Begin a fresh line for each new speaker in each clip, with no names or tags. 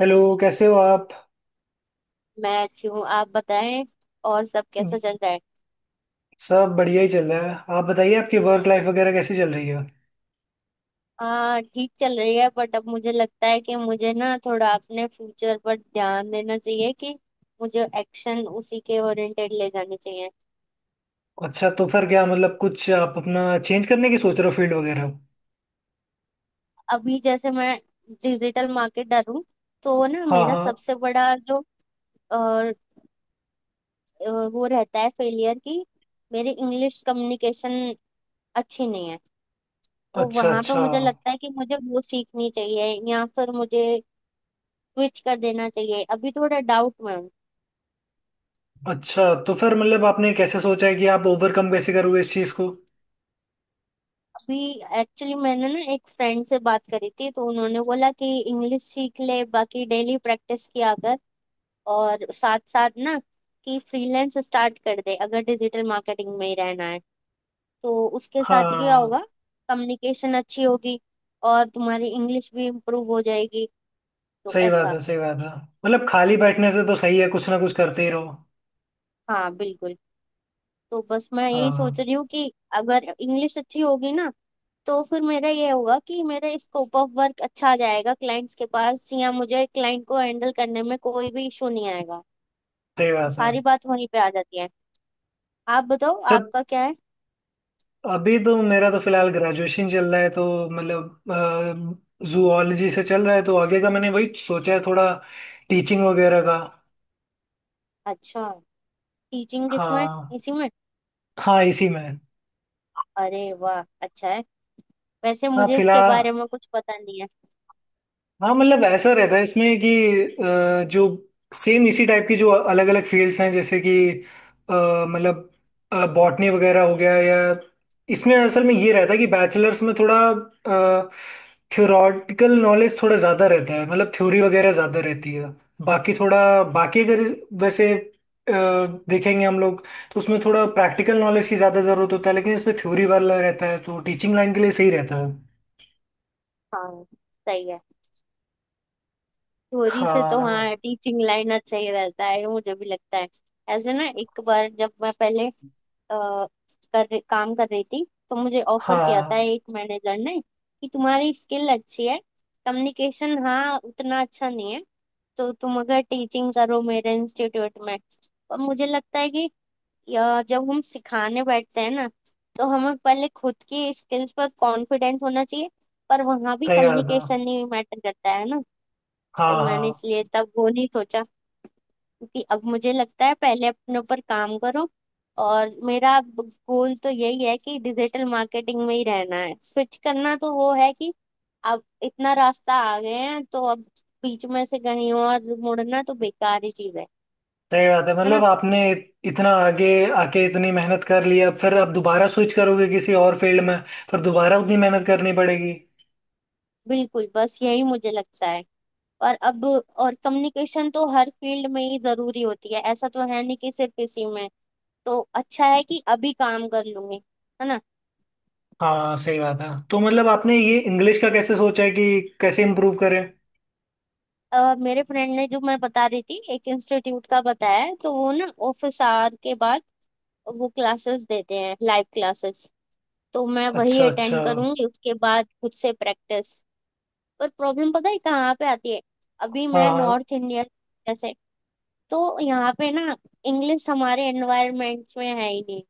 Hello, कैसे हो आप।
मैं अच्छी हूँ, आप बताएं। और सब कैसा चल रहा है।
सब बढ़िया ही चल रहा है। आप बताइए, आपकी वर्क लाइफ वगैरह कैसी चल रही है।
हाँ, ठीक चल रही है बट अब मुझे लगता है कि मुझे ना थोड़ा अपने फ्यूचर पर ध्यान देना चाहिए, कि मुझे एक्शन उसी के ओरिएंटेड ले जाने चाहिए।
अच्छा, तो फिर क्या मतलब, कुछ आप अपना चेंज करने की सोच रहे हो, फील्ड वगैरह।
अभी जैसे मैं डिजिटल मार्केटर हूँ, तो ना
हाँ,
मेरा
हाँ।
सबसे बड़ा जो अ, वो रहता है फेलियर की, मेरी इंग्लिश कम्युनिकेशन अच्छी नहीं है। तो
अच्छा,
वहां पे
अच्छा।
मुझे लगता है कि मुझे वो सीखनी चाहिए या फिर मुझे स्विच कर देना चाहिए, अभी थोड़ा डाउट में हूँ।
अच्छा, तो फिर मतलब आपने कैसे सोचा है कि आप ओवरकम कैसे करोगे इस चीज़ को।
अभी एक्चुअली मैंने ना एक फ्रेंड से बात करी थी तो उन्होंने बोला कि इंग्लिश सीख ले, बाकी डेली प्रैक्टिस किया कर और साथ साथ ना कि फ्रीलांस स्टार्ट कर दे। अगर डिजिटल मार्केटिंग में ही रहना है तो उसके साथ क्या
हाँ।
होगा, कम्युनिकेशन अच्छी होगी और तुम्हारी इंग्लिश भी इम्प्रूव हो जाएगी। तो
सही बात
ऐसा।
है, सही बात है। मतलब खाली बैठने से तो सही है, कुछ ना कुछ करते ही रहो।
हाँ बिल्कुल। तो बस मैं यही सोच
हाँ,
रही हूँ कि अगर इंग्लिश अच्छी होगी ना तो फिर मेरा ये होगा कि मेरा स्कोप ऑफ वर्क अच्छा आ जाएगा, क्लाइंट्स के पास, या मुझे क्लाइंट को हैंडल करने में कोई भी इशू नहीं आएगा।
सही
तो
बात है।
सारी बात वहीं पे आ जाती है। आप बताओ
तो
आपका क्या है।
अभी तो मेरा तो फिलहाल ग्रेजुएशन चल रहा है, तो मतलब जूलॉजी से चल रहा है, तो आगे का मैंने वही सोचा है, थोड़ा टीचिंग वगैरह का।
अच्छा। टीचिंग किसमें।
हाँ,
इसी में।
हाँ। इसी में।
अरे वाह, अच्छा है। वैसे
हाँ,
मुझे इसके
फिलहाल।
बारे में कुछ पता नहीं है।
हाँ मतलब ऐसा रहता है इसमें कि जो सेम इसी टाइप की जो अलग अलग फील्ड्स हैं, जैसे कि मतलब बॉटनी वगैरह हो गया, या इसमें असल में ये रहता है कि बैचलर्स में थोड़ा थ्योरेटिकल नॉलेज थोड़ा ज़्यादा रहता है। मतलब थ्योरी वगैरह ज़्यादा रहती है। बाकी थोड़ा, बाकी अगर, वैसे देखेंगे हम लोग। तो उसमें थोड़ा प्रैक्टिकल नॉलेज की ज़्यादा ज़रूरत होता है, लेकिन इसमें थ्योरी वाला रहता है, तो टीचिंग लाइन के लिए सही रहता है।
हाँ। सही है। थ्योरी से तो
हाँ,
हाँ टीचिंग लाइन अच्छा ही रहता है, मुझे भी लगता है। ऐसे ना एक बार जब मैं पहले अ, कर काम कर रही थी तो मुझे ऑफर किया था
हाँ।
एक मैनेजर ने कि तुम्हारी स्किल अच्छी है, कम्युनिकेशन हाँ उतना अच्छा नहीं है, तो तुम अगर टीचिंग करो मेरे इंस्टीट्यूट में। पर मुझे लगता है कि जब हम सिखाने बैठते हैं ना तो हमें पहले खुद की स्किल्स पर कॉन्फिडेंट होना चाहिए। पर वहाँ भी
सही बात है।
कम्युनिकेशन ही मैटर करता है ना। तो
हाँ,
मैंने
हाँ।
इसलिए तब वो नहीं सोचा, क्योंकि अब मुझे लगता है पहले अपने ऊपर काम करो। और मेरा गोल तो यही है कि डिजिटल मार्केटिंग में ही रहना है, स्विच करना तो वो है कि अब इतना रास्ता आ गए हैं तो अब बीच में से कहीं और मुड़ना तो बेकार ही चीज है
सही बात है।
है
मतलब
ना।
आपने इतना आगे आके इतनी मेहनत कर ली, अब फिर आप दोबारा स्विच करोगे किसी और फील्ड में, फिर दोबारा उतनी मेहनत करनी पड़ेगी।
बिल्कुल, बस यही मुझे लगता है। और अब और कम्युनिकेशन तो हर फील्ड में ही जरूरी होती है, ऐसा तो है नहीं कि सिर्फ इसी में। तो अच्छा है कि अभी काम कर लूंगी, है ना।
हाँ, सही बात है। तो मतलब आपने ये इंग्लिश का कैसे सोचा है कि कैसे इम्प्रूव करें।
मेरे फ्रेंड ने जो मैं बता रही थी एक इंस्टीट्यूट का बताया है, तो वो ना ऑफिस आवर के बाद वो क्लासेस देते हैं, लाइव क्लासेस। तो मैं वही
अच्छा, अच्छा।
अटेंड करूंगी, उसके बाद खुद से प्रैक्टिस। पर प्रॉब्लम पता है कहाँ पे आती है, अभी
हाँ,
मैं
हाँ।
नॉर्थ इंडिया जैसे, तो यहाँ पे ना इंग्लिश हमारे एनवायरमेंट्स में है ही नहीं।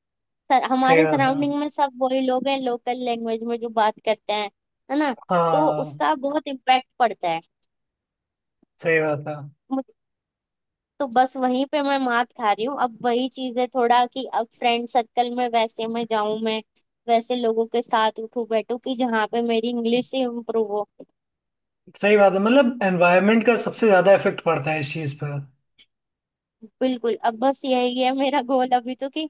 सर
सही
हमारे
बात है।
सराउंडिंग में सब वही लोग हैं, लोकल लैंग्वेज में जो बात करते हैं, है ना। तो
हाँ,
उसका बहुत इम्पैक्ट पड़ता है।
सही बात है,
तो बस वहीं पे मैं मात खा रही हूँ, अब वही चीज है थोड़ा कि अब फ्रेंड सर्कल में वैसे मैं जाऊं, मैं वैसे लोगों के साथ उठूं बैठूं कि जहाँ पे मेरी इंग्लिश ही इम्प्रूव हो।
सही बात है। मतलब एनवायरनमेंट का सबसे ज्यादा इफेक्ट पड़ता है इस चीज पर।
बिल्कुल, अब बस यही है मेरा गोल अभी तो, कि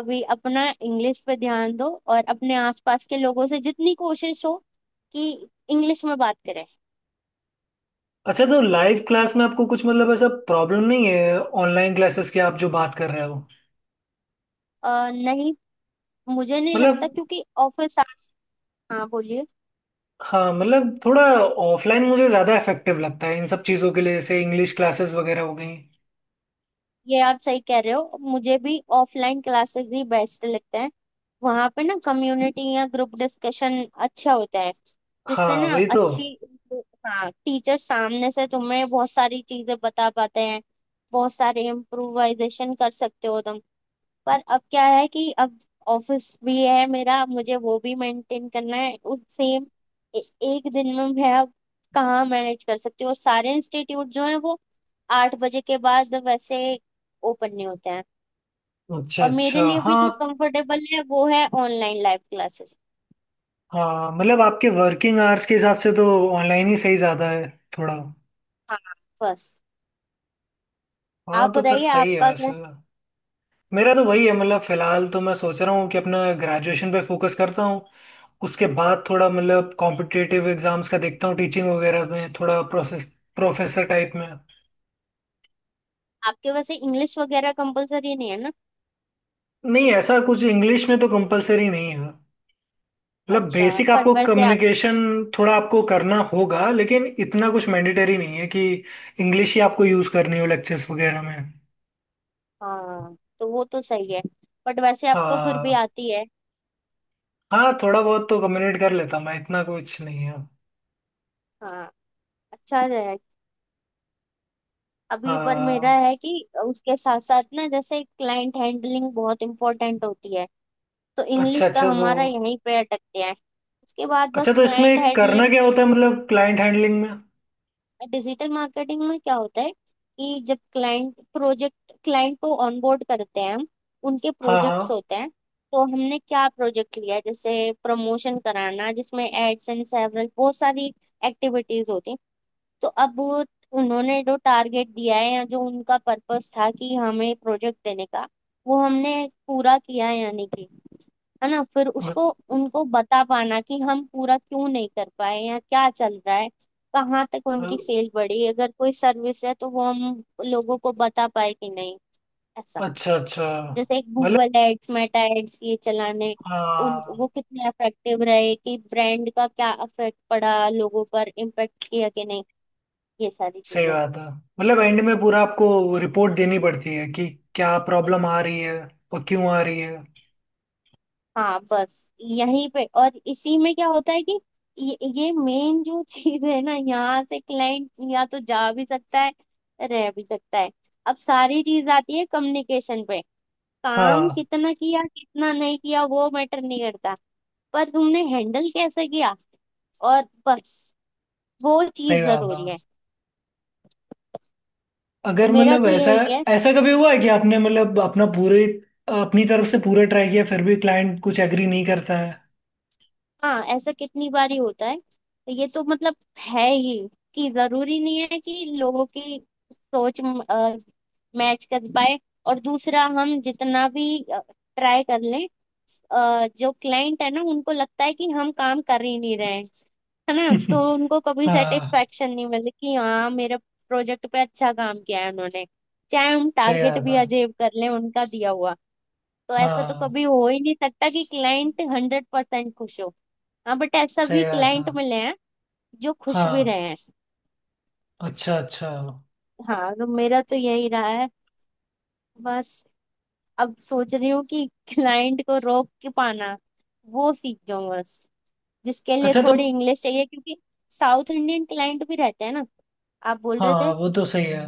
अभी अपना इंग्लिश पे ध्यान दो और अपने आसपास के लोगों से जितनी कोशिश हो कि इंग्लिश में बात करें।
अच्छा, तो लाइव क्लास में आपको कुछ मतलब ऐसा प्रॉब्लम नहीं है, ऑनलाइन क्लासेस की, आप जो बात कर रहे हो।
नहीं, मुझे नहीं लगता
मतलब,
क्योंकि ऑफिस आवर्स। हाँ बोलिए।
हाँ मतलब थोड़ा ऑफलाइन मुझे ज्यादा इफेक्टिव लगता है इन सब चीजों के लिए, जैसे इंग्लिश क्लासेस वगैरह हो गई।
ये आप सही कह रहे हो, मुझे भी ऑफलाइन क्लासेस ही बेस्ट लगते हैं। वहां पे ना कम्युनिटी या ग्रुप डिस्कशन अच्छा होता है, जिससे
हाँ,
ना
वही तो।
अच्छी। हाँ, टीचर सामने से तुम्हें बहुत सारी चीजें बता पाते हैं, बहुत सारे इम्प्रोवाइजेशन कर सकते हो तुम। पर अब क्या है कि अब ऑफिस भी है मेरा, मुझे वो भी मेंटेन करना है उस सेम, एक दिन में मैं अब कहाँ मैनेज कर सकती हूँ। और सारे इंस्टीट्यूट जो है वो 8 बजे के बाद वैसे ओपन नहीं होते हैं।
अच्छा,
और मेरे
अच्छा।
लिए भी
हाँ,
जो कंफर्टेबल है वो है ऑनलाइन लाइव क्लासेस।
हाँ। मतलब आपके वर्किंग आवर्स के हिसाब से तो ऑनलाइन ही सही ज्यादा है थोड़ा।
हाँ बस।
हाँ,
आप
तो फिर
बताइए
सही है
आपका
वैसे।
क्या।
मेरा तो वही है, मतलब फिलहाल तो मैं सोच रहा हूँ कि अपना ग्रेजुएशन पे फोकस करता हूँ। उसके बाद थोड़ा मतलब कॉम्पिटिटिव एग्जाम्स का देखता हूँ, टीचिंग वगैरह में थोड़ा प्रोसेस, प्रोफेसर टाइप में।
आपके वैसे इंग्लिश वगैरह कंपलसरी नहीं है ना।
नहीं, ऐसा कुछ इंग्लिश में तो कंपलसरी नहीं है। मतलब
अच्छा,
बेसिक
पर
आपको
वैसे आप।
कम्युनिकेशन थोड़ा आपको करना होगा, लेकिन इतना कुछ मैंडेटरी नहीं है कि इंग्लिश ही आपको यूज करनी हो लेक्चर्स वगैरह में।
हाँ तो वो तो सही है, बट वैसे आपको फिर भी
हाँ,
आती है।
हाँ। थोड़ा बहुत तो कम्युनिकेट कर लेता मैं, इतना कुछ नहीं है।
हाँ, अच्छा है। अभी पर मेरा
हाँ।
है कि उसके साथ साथ ना जैसे क्लाइंट हैंडलिंग बहुत इंपॉर्टेंट होती है, तो
अच्छा,
इंग्लिश का
अच्छा। तो
हमारा यहीं पे अटकते हैं। उसके बाद
अच्छा,
बस
तो
क्लाइंट
इसमें करना
हैंडलिंग।
क्या होता है, मतलब क्लाइंट हैंडलिंग में।
डिजिटल मार्केटिंग में क्या होता है कि जब क्लाइंट को ऑनबोर्ड करते हैं हम, उनके
हाँ, हाँ।
प्रोजेक्ट्स होते हैं। तो हमने क्या प्रोजेक्ट लिया है, जैसे प्रमोशन कराना जिसमें एड्स एंड सेवरल बहुत सारी एक्टिविटीज होती हैं। तो अब वो उन्होंने जो टारगेट दिया है या जो उनका पर्पस था कि हमें प्रोजेक्ट देने का, वो हमने पूरा किया है या नहीं किया, है ना। फिर उसको उनको बता पाना कि हम पूरा क्यों नहीं कर पाए या क्या चल रहा है, कहाँ तक उनकी
मतलब-
सेल बढ़ी, अगर कोई सर्विस है तो वो हम लोगों को बता पाए कि नहीं। ऐसा।
अच्छा, अच्छा।
जैसे एक
मतलब
गूगल एड्स, मेटा एड्स ये चलाने, उन
हाँ,
वो कितने इफेक्टिव रहे, कि ब्रांड का क्या इफेक्ट पड़ा, लोगों पर इम्पेक्ट किया कि नहीं, ये सारी
सही
चीजें।
बात है। मतलब एंड में पूरा आपको रिपोर्ट देनी पड़ती है कि क्या प्रॉब्लम आ रही है और क्यों आ रही है।
हाँ बस यहीं पे। और इसी में क्या होता है कि ये मेन जो चीज है ना, यहाँ से क्लाइंट या तो जा भी सकता है, रह भी सकता है। अब सारी चीज आती है कम्युनिकेशन पे। काम
हाँ,
कितना किया कितना नहीं किया वो मैटर नहीं करता, पर तुमने हैंडल कैसे किया, और बस वो
सही
चीज
बात है।
जरूरी है। तो
अगर
मेरा
मतलब
तो
ऐसा,
यही है।
ऐसा कभी हुआ है कि आपने मतलब अपना पूरे, अपनी तरफ से पूरा ट्राई किया, फिर भी क्लाइंट कुछ एग्री नहीं करता है।
हाँ ऐसा कितनी बार ही होता है, तो ये तो मतलब है ही कि जरूरी नहीं है कि लोगों की सोच मैच कर पाए। और दूसरा हम जितना भी ट्राई कर लें, जो क्लाइंट है ना उनको लगता है कि हम काम कर ही नहीं रहे हैं, है ना। तो उनको कभी
हाँ।
सेटिस्फेक्शन नहीं मिलती कि हाँ मेरे प्रोजेक्ट पे अच्छा काम किया है उन्होंने, चाहे हम
सही
टारगेट
बात
भी
है।
अचीव कर लें उनका दिया हुआ। तो ऐसा तो
हाँ,
कभी हो ही नहीं सकता कि क्लाइंट 100% खुश हो। हाँ बट ऐसा भी
सही बात है।
क्लाइंट मिले हैं जो खुश भी
हाँ,
रहे हैं।
अच्छा, अच्छा।
हाँ तो मेरा तो यही रहा है। बस अब सोच रही हूँ कि क्लाइंट को रोक के पाना वो सीख जाऊँ बस, जिसके लिए
अच्छा, तो
थोड़ी इंग्लिश चाहिए, क्योंकि साउथ इंडियन क्लाइंट भी रहते हैं ना, आप बोल रहे थे।
हाँ वो तो सही है।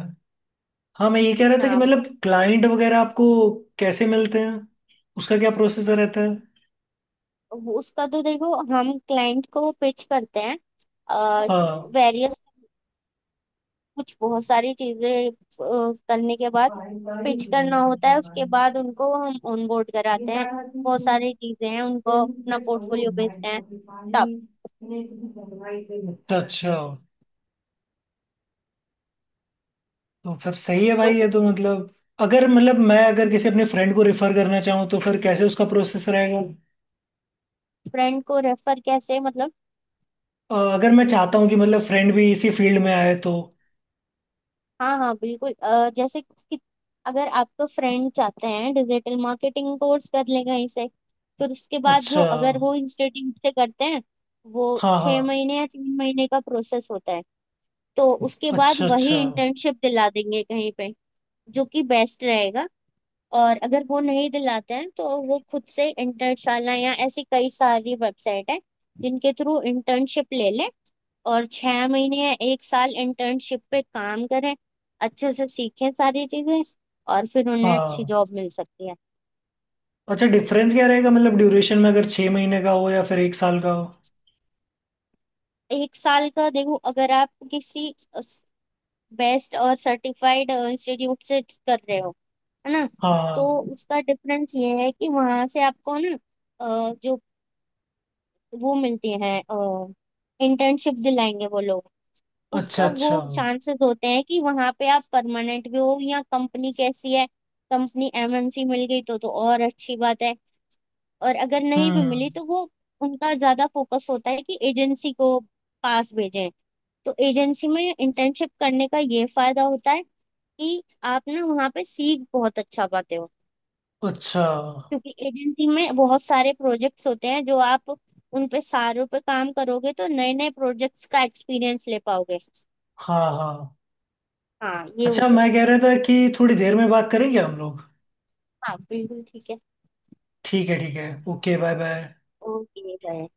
हाँ, मैं ये कह रहा था कि
हाँ।
मतलब क्लाइंट वगैरह आपको कैसे मिलते हैं, उसका क्या प्रोसेसर रहता है।
उसका तो देखो हम क्लाइंट को पिच करते हैं,
हाँ,
वेरियस कुछ बहुत सारी चीजें करने के बाद पिच करना होता है, उसके बाद उनको हम ऑन बोर्ड कराते हैं, बहुत सारी चीजें हैं, उनको अपना पोर्टफोलियो भेजते हैं तब।
अच्छा, अच्छा। तो फिर सही है भाई, ये
तो
तो मतलब, अगर मतलब मैं अगर किसी अपने फ्रेंड को रेफर करना चाहूँ तो फिर कैसे उसका प्रोसेस रहेगा।
फ्रेंड को रेफर कैसे मतलब।
अगर मैं चाहता हूँ कि मतलब फ्रेंड भी इसी फील्ड में आए तो।
हाँ हाँ बिल्कुल, जैसे कि अगर आपको फ्रेंड चाहते हैं डिजिटल मार्केटिंग कोर्स कर ले कहीं से, फिर उसके बाद जो
अच्छा।
अगर वो इंस्टीट्यूट से करते हैं वो
हाँ, हाँ।
6 महीने या 3 महीने का प्रोसेस होता है, तो उसके बाद
अच्छा, अच्छा।
वही इंटर्नशिप दिला देंगे कहीं पे, जो कि बेस्ट रहेगा। और अगर वो नहीं दिलाते हैं तो वो खुद से इंटर्नशाला या ऐसी कई सारी वेबसाइट है, जिनके थ्रू इंटर्नशिप ले लें और 6 महीने या एक साल इंटर्नशिप पे काम करें, अच्छे से सीखें सारी चीजें, और फिर उन्हें अच्छी
हाँ।
जॉब मिल सकती है।
अच्छा, डिफरेंस क्या रहेगा, मतलब ड्यूरेशन में, अगर 6 महीने का हो या फिर एक साल का हो।
एक साल का देखो, अगर आप किसी बेस्ट और सर्टिफाइड इंस्टीट्यूट से कर रहे हो, है ना, तो
हाँ।
उसका डिफरेंस ये है कि वहां से आपको ना अ, जो वो मिलती हैं, इंटर्नशिप दिलाएंगे वो लोग।
अच्छा,
उसका वो
अच्छा।
चांसेस होते हैं कि वहां पे आप परमानेंट भी हो, या कंपनी कैसी है, कंपनी एमएनसी मिल गई तो और अच्छी बात है। और अगर नहीं भी
हम्म।
मिली तो वो उनका ज्यादा फोकस होता है कि एजेंसी को पास भेजें। तो एजेंसी में इंटर्नशिप करने का ये फायदा होता है कि आप ना वहाँ पे सीख बहुत अच्छा पाते हो,
अच्छा।
क्योंकि एजेंसी में बहुत सारे प्रोजेक्ट्स होते हैं, जो आप उन पे सारों पे काम करोगे तो नए नए प्रोजेक्ट्स का एक्सपीरियंस ले पाओगे।
हाँ, हाँ।
हाँ ये
अच्छा,
होता है।
मैं कह रहा था कि थोड़ी देर में बात करेंगे हम लोग।
हाँ बिल्कुल ठीक है।
ठीक है, ठीक है। Okay, bye, bye.
Okay bye.